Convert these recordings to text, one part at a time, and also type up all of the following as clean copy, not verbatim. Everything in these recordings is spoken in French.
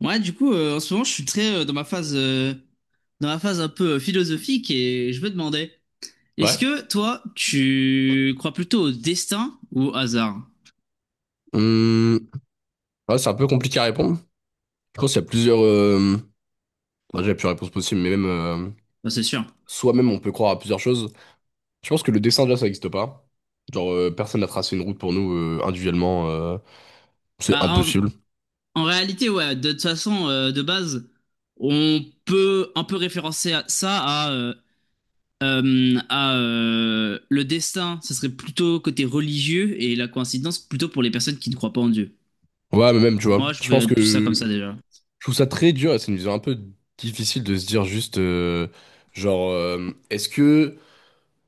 En ce moment, je suis très dans ma phase un peu philosophique et je me demandais, est-ce Ouais. que toi, tu crois plutôt au destin ou au hasard? Hum, ouais, c'est un peu compliqué à répondre. Je pense qu'il y a plusieurs. Bah, déjà, plusieurs réponses possibles, mais même. Bah, c'est sûr. Soi-même, on peut croire à plusieurs choses. Je pense que le dessin, déjà, ça n'existe pas. Genre, personne n'a tracé une route pour nous individuellement. C'est Bah, en, impossible. En réalité, ouais, de toute façon, de base, on peut un peu ça à le destin, ça serait plutôt côté religieux et la coïncidence plutôt pour les personnes qui ne croient pas en Dieu. Ouais, mais même, tu vois. Moi, je Je pense vais plus ça comme que. ça déjà. Je trouve ça très dur et c'est une vision un peu difficile de se dire juste. Genre, est-ce que.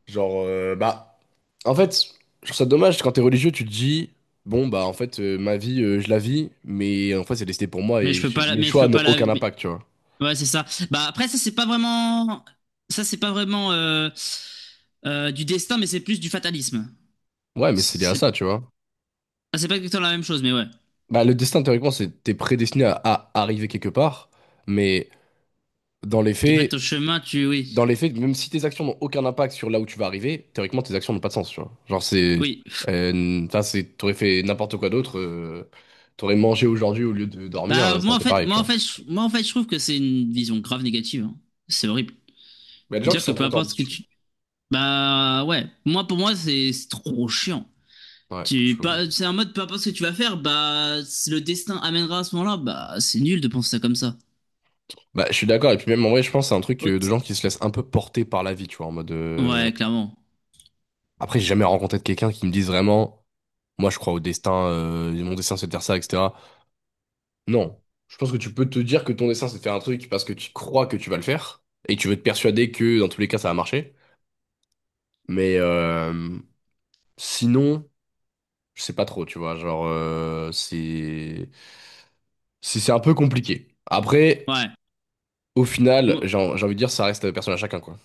Genre, bah, en fait, je trouve ça dommage quand t'es religieux, tu te dis, bon, bah, en fait, ma vie, je la vis, mais en fait, c'est destiné pour moi et mes Mais je choix peux n'ont pas la... aucun impact, tu vois. Ouais, c'est ça. Bah après, ça c'est pas vraiment du destin, mais c'est plus du fatalisme. Ouais, mais c'est lié à C'est ça, tu vois. Ah, c'est pas exactement la même chose, mais ouais. Bah, le destin, théoriquement, c'est t'es prédestiné à arriver quelque part, mais dans les Après faits, ton chemin, tu... oui. dans les faits, même si tes actions n'ont aucun impact sur là où tu vas arriver, théoriquement, tes actions n'ont pas de sens, tu vois. Genre, c'est. Oui. Enfin, c'est. T'aurais fait n'importe quoi d'autre, t'aurais mangé aujourd'hui au lieu de dormir, Bah ça aurait été pareil, moi tu en vois. fait je, moi en fait je trouve que c'est une vision grave négative, hein. C'est horrible. Mais il y a des gens qui Dire que sont peu contents. importe ce que tu... bah ouais, moi pour moi c'est trop chiant. Ouais, je Tu peux comprendre. pas c'est un mode peu importe ce que tu vas faire, bah si le destin amènera à ce moment-là, bah c'est nul de penser ça comme ça. Bah, je suis d'accord. Et puis même, en vrai, je pense que c'est un truc de Autre- gens qui se laissent un peu porter par la vie, tu vois, en mode... Ouais, clairement. Après, j'ai jamais rencontré de quelqu'un qui me dise vraiment, moi, je crois au destin, mon destin, c'est de faire ça, etc. Non. Je pense que tu peux te dire que ton destin, c'est de faire un truc parce que tu crois que tu vas le faire et tu veux te persuader que, dans tous les cas, ça va marcher. Mais sinon, je sais pas trop, tu vois, genre, c'est... C'est un peu compliqué. Après, Ouais. au final, j'ai envie de dire, ça reste personne à chacun, quoi.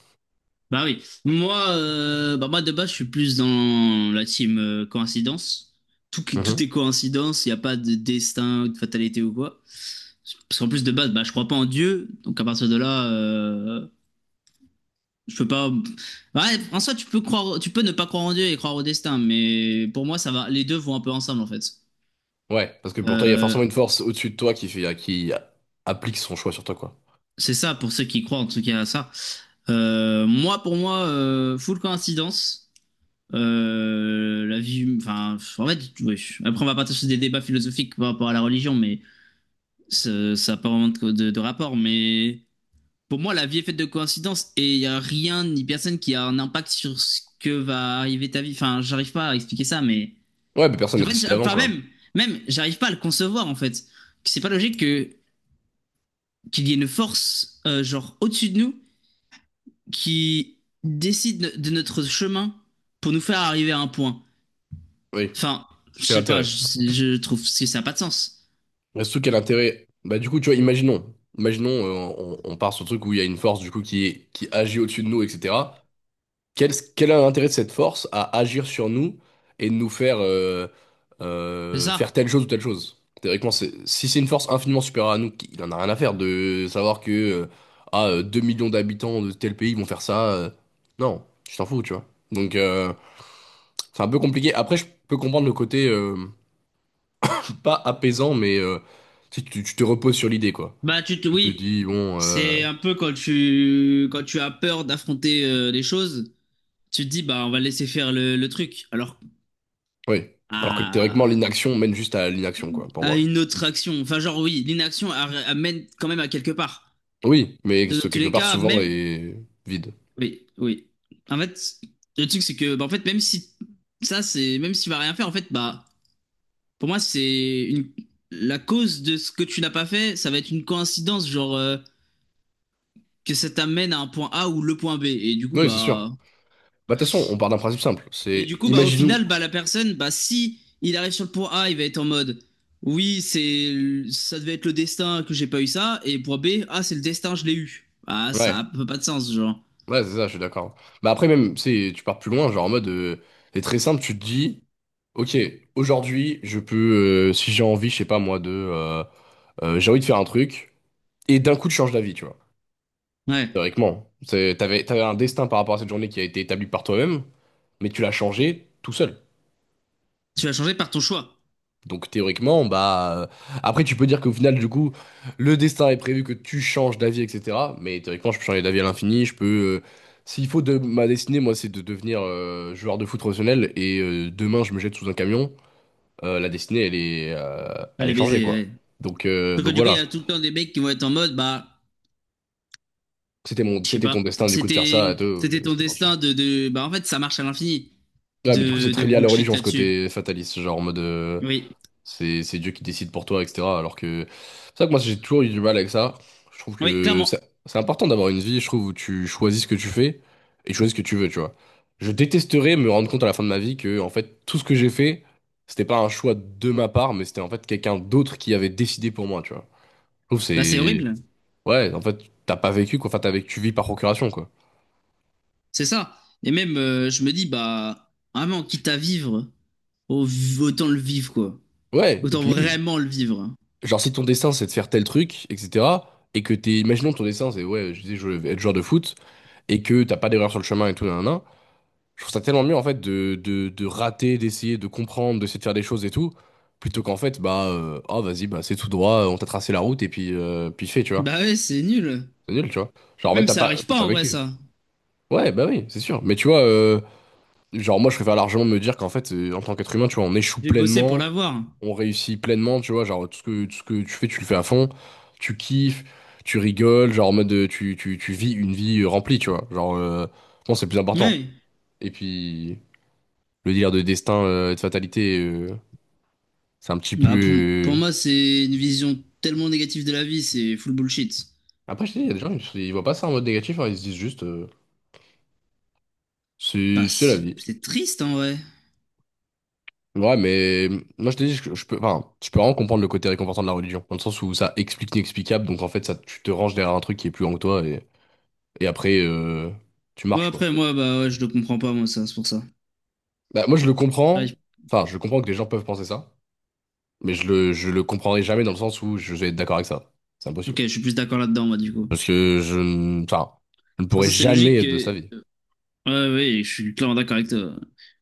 Bah oui, moi, bah moi de base, je suis plus dans la team coïncidence. Tout est coïncidence, il n'y a pas de destin ou de fatalité ou quoi. Parce qu'en plus de base, bah, je crois pas en Dieu, donc à partir de là, je peux pas. Ouais, en soi, tu peux croire, tu peux ne pas croire en Dieu et croire au destin, mais pour moi, ça va, les deux vont un peu ensemble en fait. Ouais, parce que pour toi, il y a Euh, forcément une force au-dessus de toi qui fait, qui applique son choix sur toi, quoi. c'est ça pour ceux qui croient en tout cas à ça. Moi, pour moi, full coïncidence. La vie, enfin, en fait, oui. Après, on va partir sur des débats philosophiques par rapport à la religion, mais ça n'a pas vraiment de rapport. Mais pour moi, la vie est faite de coïncidences et il n'y a rien ni personne qui a un impact sur ce que va arriver ta vie. Enfin, j'arrive pas à expliquer ça, mais Ouais, mais personne en n'a fait, décidé avant, enfin, quoi. Même, j'arrive pas à le concevoir en fait. C'est pas logique que qu'il y ait une force, genre au-dessus de nous, qui décide de notre chemin pour nous faire arriver à un point. Oui, Enfin, je quel sais pas, intérêt. Je trouve que ça n'a pas de sens. Et surtout, quel intérêt. Bah, du coup, tu vois, imaginons. Imaginons, on part sur le truc où il y a une force, du coup, qui agit au-dessus de nous, etc. Quel est l'intérêt de cette force à agir sur nous et de nous faire C'est ça? faire telle chose ou telle chose? Théoriquement, si c'est une force infiniment supérieure à nous, il en a rien à faire de savoir que 2 millions d'habitants de tel pays vont faire ça. Non, je t'en fous, tu vois. Donc c'est un peu compliqué. Après, je peux comprendre le côté pas apaisant, mais tu te reposes sur l'idée, quoi. Tu te Oui, dis, bon, c'est un peu quand tu as peur d'affronter les choses, tu te dis, bah, on va laisser faire le truc. Alors, oui. Alors que théoriquement, à... l'inaction mène juste à l'inaction, quoi, pour à moi. une autre action. Enfin, genre, oui, l'inaction amène quand même à quelque part. Oui, mais De- ce Dans tous quelque les part cas, souvent même, est vide. oui, oui. En fait, le truc, c'est que, bah, en fait, même si ça, c'est, même s'il va rien faire, en fait, bah, pour moi, c'est une, la cause de ce que tu n'as pas fait, ça va être une coïncidence, genre, que ça t'amène à un point A ou le point B. Et du coup, Oui, c'est sûr. bah. Bah, de toute façon, on part d'un principe simple. Et du C'est coup, bah, au imaginons. final, bah, la personne, bah, si il arrive sur le point A, il va être en mode... Oui, c'est ça devait être le destin que j'ai pas eu ça. Et point B, ah, c'est le destin, je l'ai eu. Ah, ça Ouais, a peu pas de sens, genre. ouais, c'est ça, je suis d'accord. Bah, après, même, tu sais, tu pars plus loin, genre en mode. C'est très simple, tu te dis, ok, aujourd'hui, je peux, si j'ai envie, je sais pas moi, de. J'ai envie de faire un truc, et d'un coup, tu changes d'avis, tu vois. Ouais. Théoriquement. T'avais un destin par rapport à cette journée qui a été établi par toi-même, mais tu l'as Et changé tout seul. tu vas changer par ton choix. Donc théoriquement, bah, après tu peux dire qu'au final du coup le destin est prévu que tu changes d'avis etc. Mais théoriquement je peux changer d'avis à l'infini, je peux s'il faut de ma destinée moi c'est de devenir joueur de foot professionnel et demain je me jette sous un camion, la destinée elle est euh, elle Allez est les changée quoi. baisers, ouais. Donc euh, Sauf que donc du coup, il y voilà a tout le temps des mecs qui vont être en mode... Bah, c'était mon je sais c'était pas, ton destin du coup de faire ça à deux. c'était ton destin de... Bah, en fait, ça marche à l'infini Ouais mais du coup c'est de très lié à la bullshit religion ce là-dessus. côté fataliste genre en mode. Oui. C'est Dieu qui décide pour toi, etc. Alors que c'est ça que moi j'ai toujours eu du mal avec ça. Je trouve Oui, que clairement. c'est important d'avoir une vie, je trouve, où tu choisis ce que tu fais et choisis ce que tu veux, tu vois. Je détesterais me rendre compte à la fin de ma vie que en fait tout ce que j'ai fait, c'était pas un choix de ma part, mais c'était en fait quelqu'un d'autre qui avait décidé pour moi, tu vois. Je trouve que Bah, c'est c'est horrible. ouais, en fait t'as pas vécu quoi, enfin t'as vécu, tu vis par procuration quoi. C'est ça. Et même, je me dis, bah, vraiment, quitte à vivre, au- autant le vivre, quoi. Ouais, et Autant puis même vraiment le vivre. genre si ton destin c'est de faire tel truc, etc. Et que imaginons ton destin c'est ouais, je disais je veux être joueur de foot. Et que t'as pas d'erreur sur le chemin et tout, nanana, je trouve ça tellement mieux en fait de rater, d'essayer, de comprendre, d'essayer de faire des choses et tout, plutôt qu'en fait, bah, oh vas-y, bah c'est tout droit, on t'a tracé la route et puis, puis fais, tu vois. Bah ouais, c'est nul. C'est nul, tu vois. Et Genre en fait, même, t'as ça pas, arrive t'as pas, pas en vrai, vécu. ça. Ouais, bah oui, c'est sûr. Mais tu vois, genre moi, je préfère largement me dire qu'en fait, en tant qu'être humain, tu vois, on échoue J'ai bossé pour pleinement, l'avoir. on réussit pleinement, tu vois, genre tout ce que tu fais, tu le fais à fond, tu kiffes, tu rigoles, genre en mode, tu vis une vie remplie, tu vois. Genre, bon, c'est le plus important. Ouais. Et puis, le délire de destin, de fatalité, c'est un petit Bah, pour, pour peu. euh, moi, c'est une vision tellement négative de la vie, c'est full bullshit. Après, je te dis, il y a des gens, ils voient pas ça en mode négatif, hein, ils se disent juste, Bah, c'est la c'est vie. Triste, en vrai. Ouais, mais moi, je te dis, je peux, enfin, je peux vraiment comprendre le côté réconfortant de la religion, dans le sens où ça explique l'inexplicable, donc en fait, ça, tu te ranges derrière un truc qui est plus grand que toi, et après, tu Moi, marches, quoi. après, moi, bah, ouais, je le comprends pas, moi, ça, c'est pour ça. Bah, moi, je le comprends, Ouais, enfin, je comprends que les gens peuvent penser ça, mais je le comprendrai jamais dans le sens où je vais être d'accord avec ça. C'est ok, impossible. je suis plus d'accord là-dedans, moi, du coup. Parce que je, ne- enfin, je ne Enfin, pourrais ça, c'est jamais logique. être de sa vie. Ouais, ouais, ouais, je suis clairement d'accord avec toi.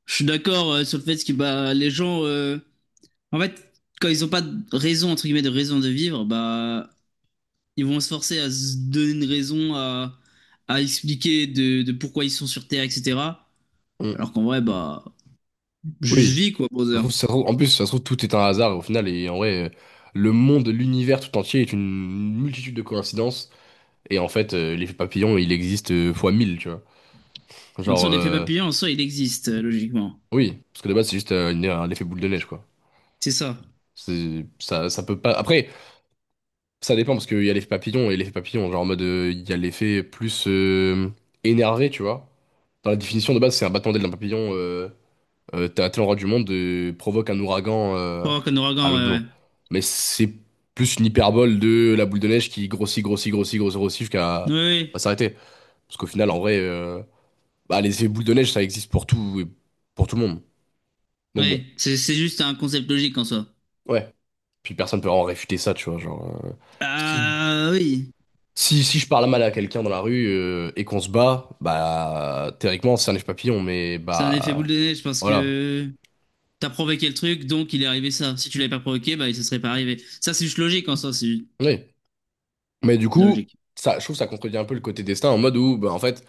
Je suis d'accord sur le fait que bah, les gens, en fait, quand ils n'ont pas de raison, entre guillemets, de raison de vivre, bah, ils vont se forcer à se donner une raison, à expliquer de pourquoi ils sont sur Terre, etc. Mm. Alors qu'en vrai, bah, juste Oui, vie, quoi, brother. De en plus, ça se trouve, tout est un hasard au final, et en vrai, le monde, l'univers tout entier est une multitude de coïncidences, et en fait, l'effet papillon, il existe fois mille, tu vois. toute Genre, façon, l'effet papillon, en soi, il existe, logiquement. oui, parce que de base, c'est juste un effet boule de neige, quoi. C'est ça. Ça, ça peut pas. Après, ça dépend, parce qu'il y a l'effet papillon et l'effet papillon, genre en mode, il y a l'effet plus énervé, tu vois. Dans la définition de base, c'est un battement d'aile d'un papillon t'as le roi du monde provoque un ouragan Pas avoir qu'un à ouragan, ouais, l'objet. ouais. Mais c'est plus une hyperbole de la boule de neige qui grossit, grossit, grossit, grossit, grossit Ouais, jusqu'à ouais. à s'arrêter. Parce qu'au final, en vrai, bah, les effets boules de neige, ça existe pour tout et pour tout le monde. Donc bon, Ouais. C'est juste un concept logique en soi. ouais. Puis personne peut en réfuter ça, tu vois. Genre, si, Ah oui, si je parle mal à quelqu'un dans la rue et qu'on se bat, bah théoriquement, c'est un neige papillon, mais c'est un effet boule bah de neige parce voilà. que... T'as provoqué le truc, donc il est arrivé ça. Si tu l'avais pas provoqué, bah, il se serait pas arrivé. Ça, c'est juste logique en soi, c'est juste Oui. Mais du la coup, logique. ça, je trouve que ça contredit un peu le côté destin en mode où, bah, en fait,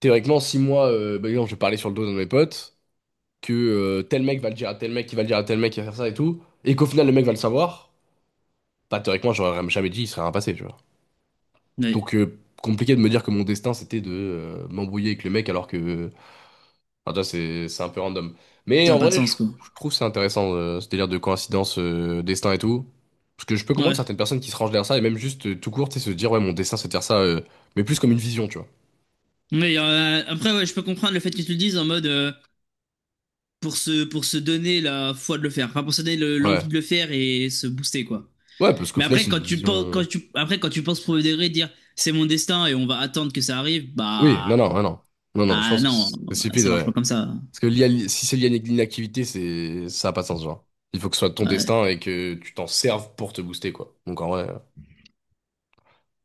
théoriquement, si moi, par exemple, je parlais sur le dos d'un de mes potes, que tel mec va le dire à tel mec, qui va le dire à tel mec, qui va faire ça et tout, et qu'au final le mec va le savoir, bah théoriquement, j'aurais jamais dit, il serait rien passé, tu vois. Mais Donc, compliqué de me dire que mon destin c'était de m'embrouiller avec le mec alors que. Enfin, tu vois, c'est un peu random. Mais ça a en pas de vrai, je, sens, quoi. je trouve c'est intéressant ce délire de coïncidence, destin et tout. Parce que je peux comprendre Ouais. certaines personnes qui se rangent derrière ça et même juste tout court, tu sais, se dire, ouais, mon destin c'est de faire ça, mais plus comme une vision, tu vois. Mais après, ouais, je peux comprendre le fait que tu le dises en mode pour se donner la foi de le faire. Enfin, pour se donner le- l'envie Ouais. de le faire et se booster, quoi. Ouais, parce qu'au Mais final, après, c'est une vision. Quand tu penses provoquer, dire c'est mon destin et on va attendre que ça arrive, Oui, non, bah, non, non, non, non, non, je ah pense que non, c'est stupide, ça marche ouais. pas comme ça. Parce que lié à si c'est lié à l'inactivité, ça a pas de sens, genre. Il faut que ce soit ton Ouais. destin et que tu t'en serves pour te booster, quoi. Donc en vrai,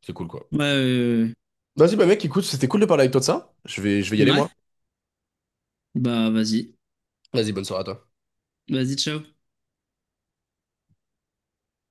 c'est cool, quoi. Ouais, ouais, ouais, Vas-y, bah mec, écoute, c'était cool de parler avec toi de ça. Je vais y ouais. aller, Ouais. moi. Bah, vas-y. Vas-y, bonne soirée à toi. Vas-y, ciao.